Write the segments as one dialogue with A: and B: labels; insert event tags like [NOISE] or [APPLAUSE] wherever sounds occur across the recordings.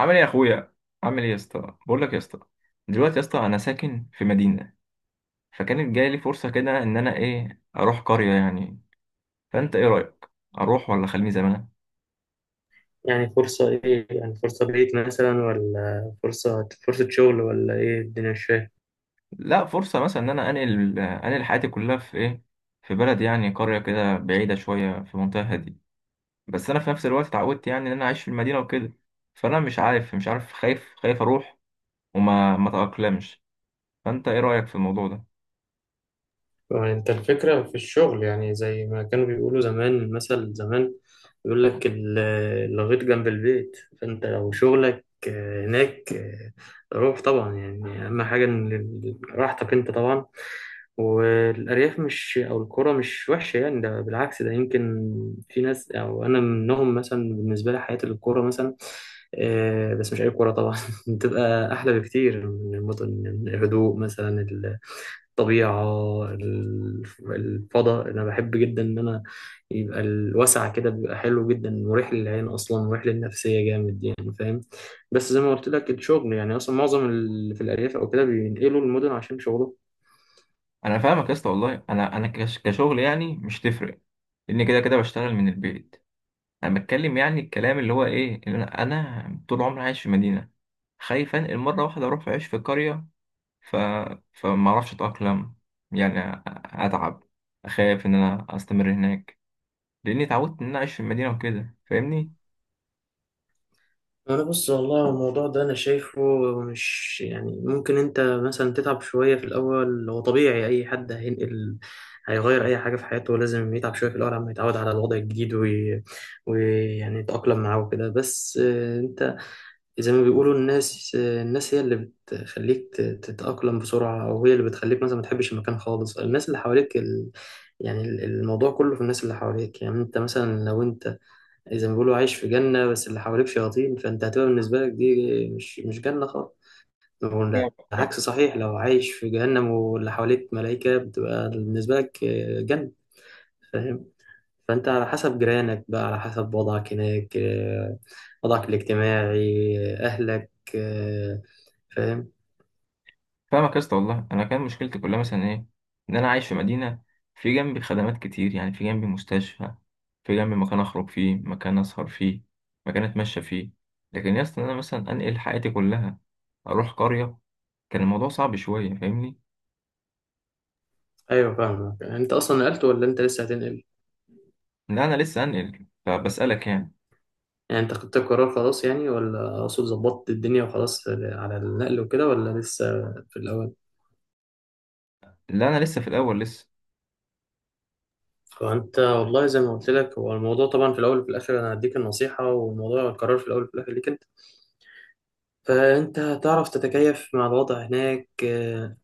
A: عامل ايه يا اخويا؟ عامل ايه يا اسطى؟ بقول لك يا اسطى، دلوقتي يا اسطى انا ساكن في مدينه، فكانت جايه لي فرصه كده ان انا اروح قريه يعني. فانت ايه رايك؟ اروح ولا خليني زي ما انا؟
B: يعني فرصة إيه، يعني فرصة بعيد مثلا ولا فرصة شغل ولا إيه؟ الدنيا مش فاهم.
A: لا، فرصه مثلا ان انا انقل حياتي كلها في ايه، في بلد، يعني قريه كده بعيده شويه، في منطقه هاديه. بس انا في نفس الوقت اتعودت يعني ان انا عايش في المدينه وكده، فانا مش عارف خايف اروح وما ما اتاقلمش. فانت ايه رايك في الموضوع ده؟
B: فأنت الفكرة في الشغل، يعني زي ما كانوا بيقولوا زمان، المثل زمان يقول لك الغيط جنب البيت. فأنت لو شغلك هناك، روح طبعا. يعني أهم حاجة إن راحتك أنت طبعا، والأرياف مش أو القرى مش وحشة. يعني ده بالعكس، ده يمكن في ناس أو أنا منهم مثلا، بالنسبة لي حياة القرى مثلا، بس مش أي قرى طبعا، [LAUGHS] بتبقى أحلى بكتير من المدن، من الهدوء مثلا، الطبيعة، الفضاء. أنا بحب جدا إن أنا يبقى الوسع كده، بيبقى حلو جدا، مريح للعين أصلا، مريح للنفسية جامد، يعني فاهم. بس زي ما قلت لك، الشغل يعني أصلا معظم اللي في الأرياف أو كده بينقلوا المدن عشان شغلهم.
A: انا فاهمك يا اسطى، والله انا كشغل يعني مش تفرق، لان كده كده بشتغل من البيت. انا بتكلم يعني الكلام اللي هو ايه، اللي انا طول عمري عايش في مدينه، خايف انقل مره واحده اروح اعيش في قريه. ف فما اعرفش اتاقلم، يعني اتعب، اخاف ان انا استمر هناك، لاني اتعودت ان انا اعيش في المدينه وكده، فاهمني؟
B: انا بص، والله الموضوع ده انا شايفه مش، يعني ممكن انت مثلا تتعب شويه في الاول، هو طبيعي اي حد هينقل هيغير اي حاجه في حياته لازم يتعب شويه في الاول، عم يتعود على الوضع الجديد ويعني يتاقلم معاه وكده. بس انت زي ما بيقولوا الناس هي اللي بتخليك تتأقلم بسرعة، أو هي اللي بتخليك مثلا ما تحبش المكان خالص. الناس اللي حواليك يعني الموضوع كله في الناس اللي حواليك. يعني أنت مثلا لو أنت زي ما بيقولوا عايش في جنة بس اللي حواليك شياطين، فأنت هتبقى بالنسبة لك دي مش جنة خالص.
A: فاهمك.
B: والعكس صحيح، لو عايش في جهنم واللي حواليك ملائكة بتبقى بالنسبة لك جنة، فاهم. فأنت على حسب جيرانك بقى، على حسب وضعك هناك، وضعك الاجتماعي، أهلك، فاهم.
A: فاهمك يا اسطى، والله انا كان مشكلتي كلها مثلا ايه، ان انا عايش في مدينه، في جنبي خدمات كتير، يعني في جنبي مستشفى، في جنبي مكان اخرج فيه، مكان اسهر فيه، مكان اتمشى فيه. لكن يا اسطى إن انا مثلا انقل حياتي كلها، اروح قريه، كان الموضوع صعب شويه، فاهمني؟
B: ايوه فاهمك. انت اصلا نقلت ولا انت لسه هتنقل؟
A: لا، انا لسه انقل، فبسالك يعني.
B: يعني انت خدت القرار خلاص، يعني ولا اقصد ظبطت الدنيا وخلاص على النقل وكده، ولا لسه في الاول؟
A: لا، انا لسه في الاول لسه.
B: فانت والله زي ما قلت لك، هو الموضوع طبعا في الاول وفي الاخر انا هديك النصيحه، والموضوع القرار في الاول وفي الاخر ليك انت. فانت هتعرف تتكيف مع الوضع هناك؟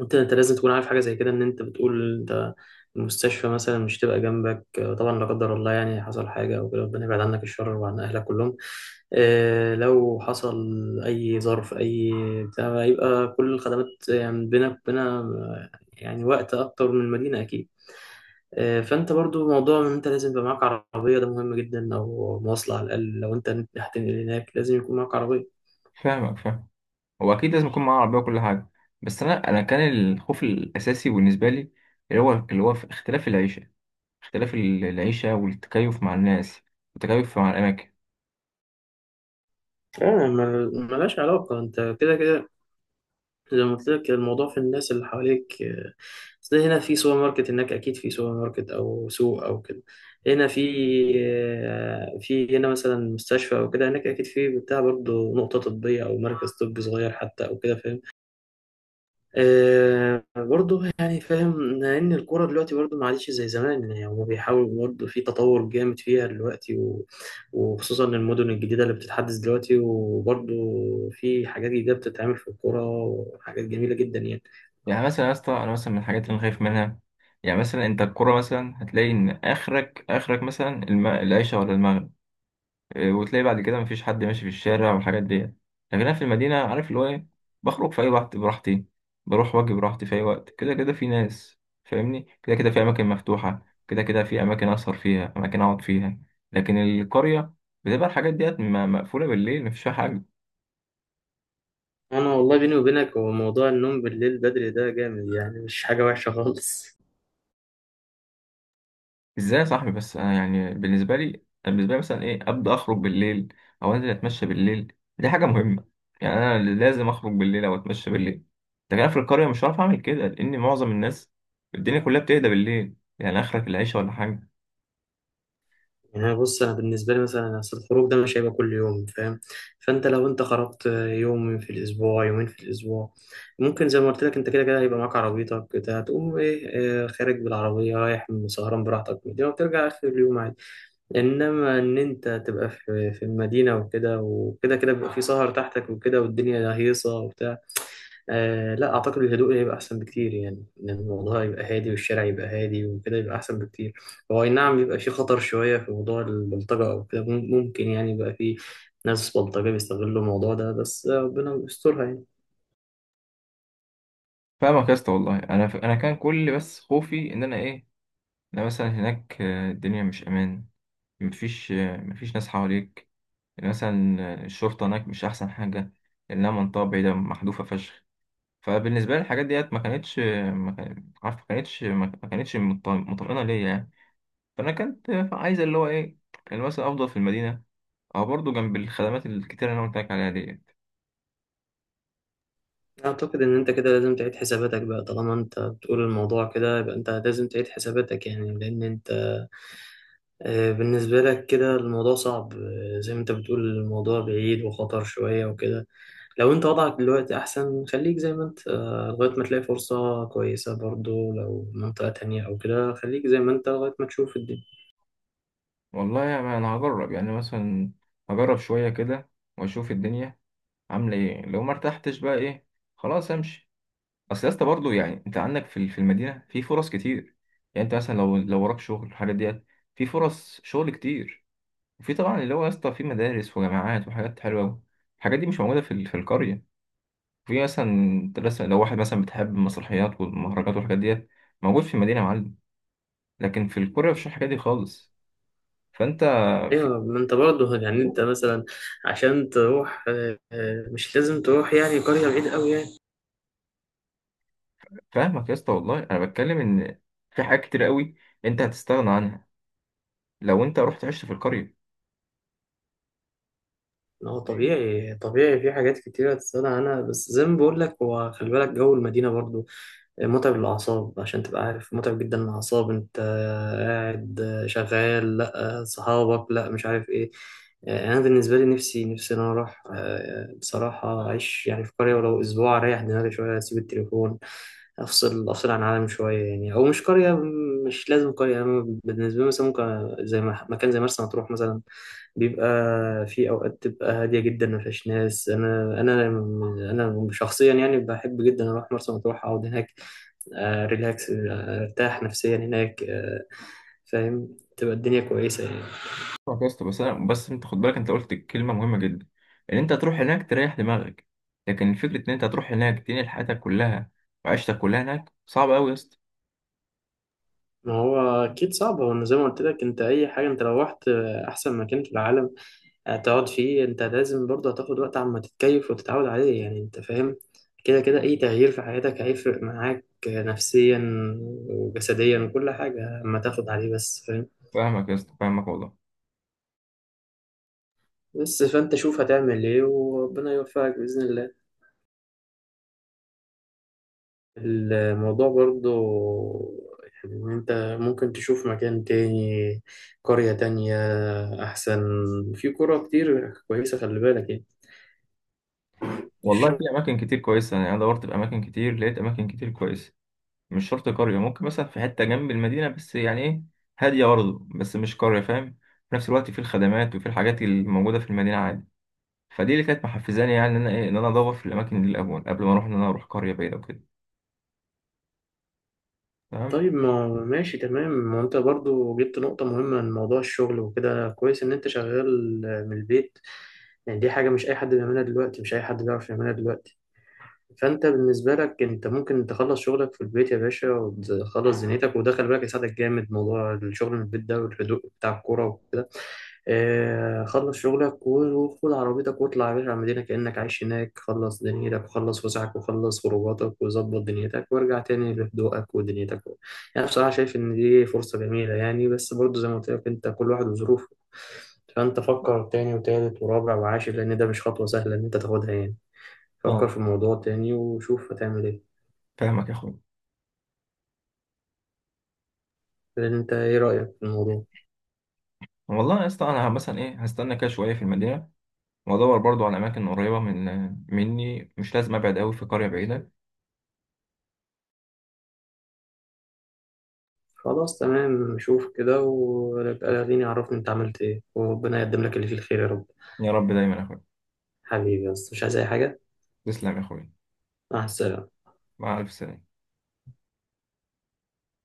B: انت لازم تكون عارف حاجه زي كده، ان انت بتقول انت المستشفى مثلا مش تبقى جنبك، طبعا لا قدر الله يعني حصل حاجه او كده، ربنا يبعد عنك الشر وعن اهلك كلهم. لو حصل اي ظرف اي بتاع، يبقى كل الخدمات يعني بينك وبينها يعني وقت اكتر من المدينه اكيد. فانت برضو موضوع ان انت لازم يبقى معاك عربيه ده مهم جدا، او مواصله على الاقل. لو انت هتنقل هناك لازم يكون معاك عربيه.
A: فاهمك، فاهم. هو اكيد لازم يكون معايا عربيه وكل حاجه، بس انا كان الخوف الاساسي بالنسبه لي، اللي هو في اختلاف العيشه، اختلاف العيشة والتكيف مع الناس، والتكيف مع الأماكن.
B: ملهاش علاقه، انت كده كده زي ما قلت لك الموضوع في الناس اللي حواليك. أصل هنا في سوبر ماركت، هناك أكيد في سوبر ماركت أو سوق أو كده. هنا في هنا مثلا مستشفى أو كده، هناك أكيد في بتاع برضه نقطة طبية أو مركز طبي صغير حتى أو كده، فاهم. برضه يعني فاهم إن الكورة دلوقتي برضه ما عادتش زي زمان، يعني هما بيحاولوا برضه في تطور جامد فيها دلوقتي. وخصوصا المدن الجديدة اللي بتتحدث دلوقتي، وبرضه في حاجات جديدة بتتعمل في الكورة، وحاجات جميلة جدا يعني.
A: يعني مثلا يا اسطى، أنا مثلا من الحاجات اللي أنا خايف منها، يعني مثلا أنت القرى مثلا هتلاقي إن آخرك مثلا العيشة ولا المغرب إيه، وتلاقي بعد كده مفيش حد ماشي في الشارع والحاجات دي. لكن أنا في المدينة عارف اللي هو إيه، بخرج في أي وقت براحتي، بروح وأجي براحتي في أي وقت، كده كده في ناس فاهمني، كده كده في أماكن مفتوحة، كده كده في أماكن أسهر فيها، أماكن أقعد فيها. لكن القرية بتبقى الحاجات ديت مقفولة بالليل، مفيش فيها حاجة.
B: انا والله بيني وبينك هو موضوع النوم بالليل بدري ده جامد، يعني مش حاجه وحشه خالص.
A: ازاي يا صاحبي؟ بس انا يعني بالنسبه لي مثلا ايه، ابدا اخرج بالليل او انزل اتمشى بالليل، دي حاجه مهمه. يعني انا لازم اخرج بالليل او اتمشى بالليل، لكن انا في القريه مش هعرف اعمل كده، لان معظم الناس، الدنيا كلها بتهدى بالليل، يعني اخرك العيشه ولا حاجه.
B: يعني أنا بص، انا بالنسبه لي مثلا اصل الخروج ده مش هيبقى كل يوم، فاهم. فانت لو انت خرجت يوم في الاسبوع، يومين في الاسبوع، ممكن زي ما قلت لك انت كده كده هيبقى معاك عربيتك بتاع، تقوم ايه؟ خارج بالعربيه، رايح سهران براحتك دي، وترجع اخر اليوم عادي. انما ان انت تبقى في المدينه وكده وكده، كده بيبقى في سهر تحتك وكده، والدنيا هيصه وبتاع. آه لا اعتقد الهدوء هيبقى احسن بكتير، يعني ان الموضوع يبقى هادي والشارع يبقى هادي وكده يبقى احسن بكتير. هو اي نعم يبقى في خطر شويه في موضوع البلطجه او كده، ممكن يعني يبقى في ناس بلطجه بيستغلوا الموضوع ده، بس ربنا يسترها يعني.
A: فاهمك يا اسطى، والله انا انا كان كل بس خوفي ان انا ايه، انا مثلا هناك الدنيا مش امان، مفيش مفيش ناس حواليك مثلا، الشرطه هناك مش احسن حاجه، لانها منطقه بعيده محذوفه فشخ. فبالنسبه لي الحاجات ديت ما كانتش، ما كان- عارف، ما كانتش ما كانتش مطمئنه ليا يعني. فانا كنت عايز اللي هو ايه، اللي مثلا افضل في المدينه، او برضه جنب الخدمات الكتير اللي انا قلت لك عليها ديت.
B: اعتقد ان انت كده لازم تعيد حساباتك بقى، طالما انت بتقول الموضوع كده يبقى انت لازم تعيد حساباتك، يعني لان انت بالنسبة لك كده الموضوع صعب، زي ما انت بتقول الموضوع بعيد وخطر شوية وكده. لو انت وضعك دلوقتي احسن، خليك زي ما انت، لغاية ما تلاقي فرصة كويسة. برضو لو منطقة تانية او كده خليك زي ما انت لغاية ما تشوف الدنيا.
A: والله يعني انا هجرب يعني مثلا، هجرب شويه كده واشوف الدنيا عامله ايه. لو ما ارتحتش بقى ايه، خلاص امشي. اصل يا اسطى برضه يعني انت عندك في المدينه في فرص كتير، يعني انت مثلا لو وراك شغل، الحاجات ديت، في فرص شغل كتير، في طبعا اللي هو يا اسطى في مدارس وجامعات وحاجات حلوه أوي. الحاجات دي مش موجوده في القريه. في مثلا بس لو واحد مثلا بتحب المسرحيات والمهرجانات والحاجات ديت، موجود في المدينه يا معلم. لكن في القريه مفيش الحاجات دي خالص، فانت في
B: ايوه، ما انت برضو [LAUGHS] يعني انت
A: [LAUGHS]
B: مثلا عشان تروح مش لازم تروح يعني قرية بعيد قوي يعني.
A: فاهمك يا اسطى، والله انا بتكلم ان في حاجات كتير قوي انت هتستغنى عنها لو انت رحت عشت في القريه.
B: ما هو طبيعي، طبيعي في حاجات كتيرة تستغنى عنها، بس زي ما بقول لك هو خلي بالك جو المدينة برضو متعب للأعصاب، عشان تبقى عارف متعب جدا للأعصاب. أنت قاعد شغال، لأ صحابك، لأ مش عارف إيه. أنا بالنسبة لي نفسي، نفسي إن أنا أروح، بصراحة أعيش يعني في قرية ولو أسبوع أريح دماغي شوية، أسيب التليفون، أفصل عن العالم شوية يعني، أو مش قرية، مش لازم قرية. أنا بالنسبة لي مثلا ممكن زي ما مكان زي مرسى مطروح مثلا، بيبقى في اوقات تبقى هاديه جدا ما فيهاش ناس. انا شخصيا يعني بحب جدا اروح مرسى مطروح اقعد هناك، ريلاكس، ارتاح نفسيا هناك، فاهم، تبقى الدنيا كويسة يعني.
A: فاهمك يا اسطى، بس انا انت خد بالك، انت قلت كلمه مهمه جدا، ان انت تروح هناك تريح دماغك، لكن الفكره ان انت تروح هناك تنقل حياتك كلها وعيشتك كلها هناك، صعب قوي يا اسطى.
B: ما هو أكيد صعب، هو أنا زي ما قلت لك أنت، أي حاجة أنت لو رحت، أحسن مكان في العالم هتقعد فيه، أنت لازم برضه هتاخد وقت عما تتكيف وتتعود عليه، يعني أنت فاهم. كده كده أي تغيير في حياتك هيفرق معاك، نفسيا وجسديا وكل حاجة، أما تاخد عليه بس، فاهم.
A: فاهمك والله.
B: بس فأنت شوف هتعمل إيه، وربنا يوفقك بإذن الله. الموضوع برضو يعني إن أنت ممكن تشوف مكان تاني، قرية تانية أحسن، في قرى كتير كويسة، خلي بالك يعني.
A: والله
B: الشغل،
A: في اماكن كتير كويسه، يعني انا دورت في اماكن كتير، لقيت اماكن كتير كويسه. مش شرط قريه، ممكن مثلا في حته جنب المدينه بس يعني ايه، هاديه برضه، بس مش قريه، فاهم؟ في نفس الوقت في الخدمات وفي الحاجات الموجوده في المدينه عادي. فدي اللي كانت محفزاني، يعني ان انا ايه، ان انا ادور في الاماكن دي الاول قبل ما اروح ان انا اروح قريه بعيده وكده.
B: طيب ما ماشي تمام، ما أنت برضو جبت نقطة مهمة من موضوع الشغل وكده، كويس إن أنت شغال من البيت. يعني دي حاجة مش أي حد بيعملها دلوقتي، مش أي حد بيعرف يعملها دلوقتي. فانت بالنسبه لك انت ممكن تخلص شغلك في البيت يا باشا وتخلص دنيتك، وده خلي بالك يساعدك جامد موضوع الشغل من البيت ده، والهدوء بتاع الكوره وكده. خلص شغلك وخد عربيتك واطلع يا باشا على المدينه كانك عايش هناك، خلص دنيتك وخلص وسعك وخلص خروجاتك وظبط دنيتك، وارجع تاني لهدوءك ودنيتك. يعني بصراحه شايف ان دي فرصه جميله يعني، بس برضو زي ما قلت لك انت كل واحد وظروفه. فانت فكر تاني وتالت ورابع وعاشر، لان ده مش خطوه سهله ان انت تاخدها يعني. فكر
A: تمام،
B: في الموضوع تاني وشوف هتعمل ايه،
A: فاهمك يا اخويا.
B: لان انت ايه رأيك في الموضوع؟
A: والله يا اسطى انا مثلا ايه، هستنى كده شويه في المدينه وادور برضو على اماكن قريبه مني، مش لازم ابعد قوي في قريه بعيده.
B: خلاص تمام، شوف كده ويبقى لاغيني عرفني انت عملت ايه، وربنا يقدم لك اللي فيه الخير يا رب.
A: يا رب دايما يا اخويا،
B: حبيبي بس، مش عايز اي حاجة.
A: تسلم يا اخويا،
B: مع السلامة.
A: مع الف سلامه.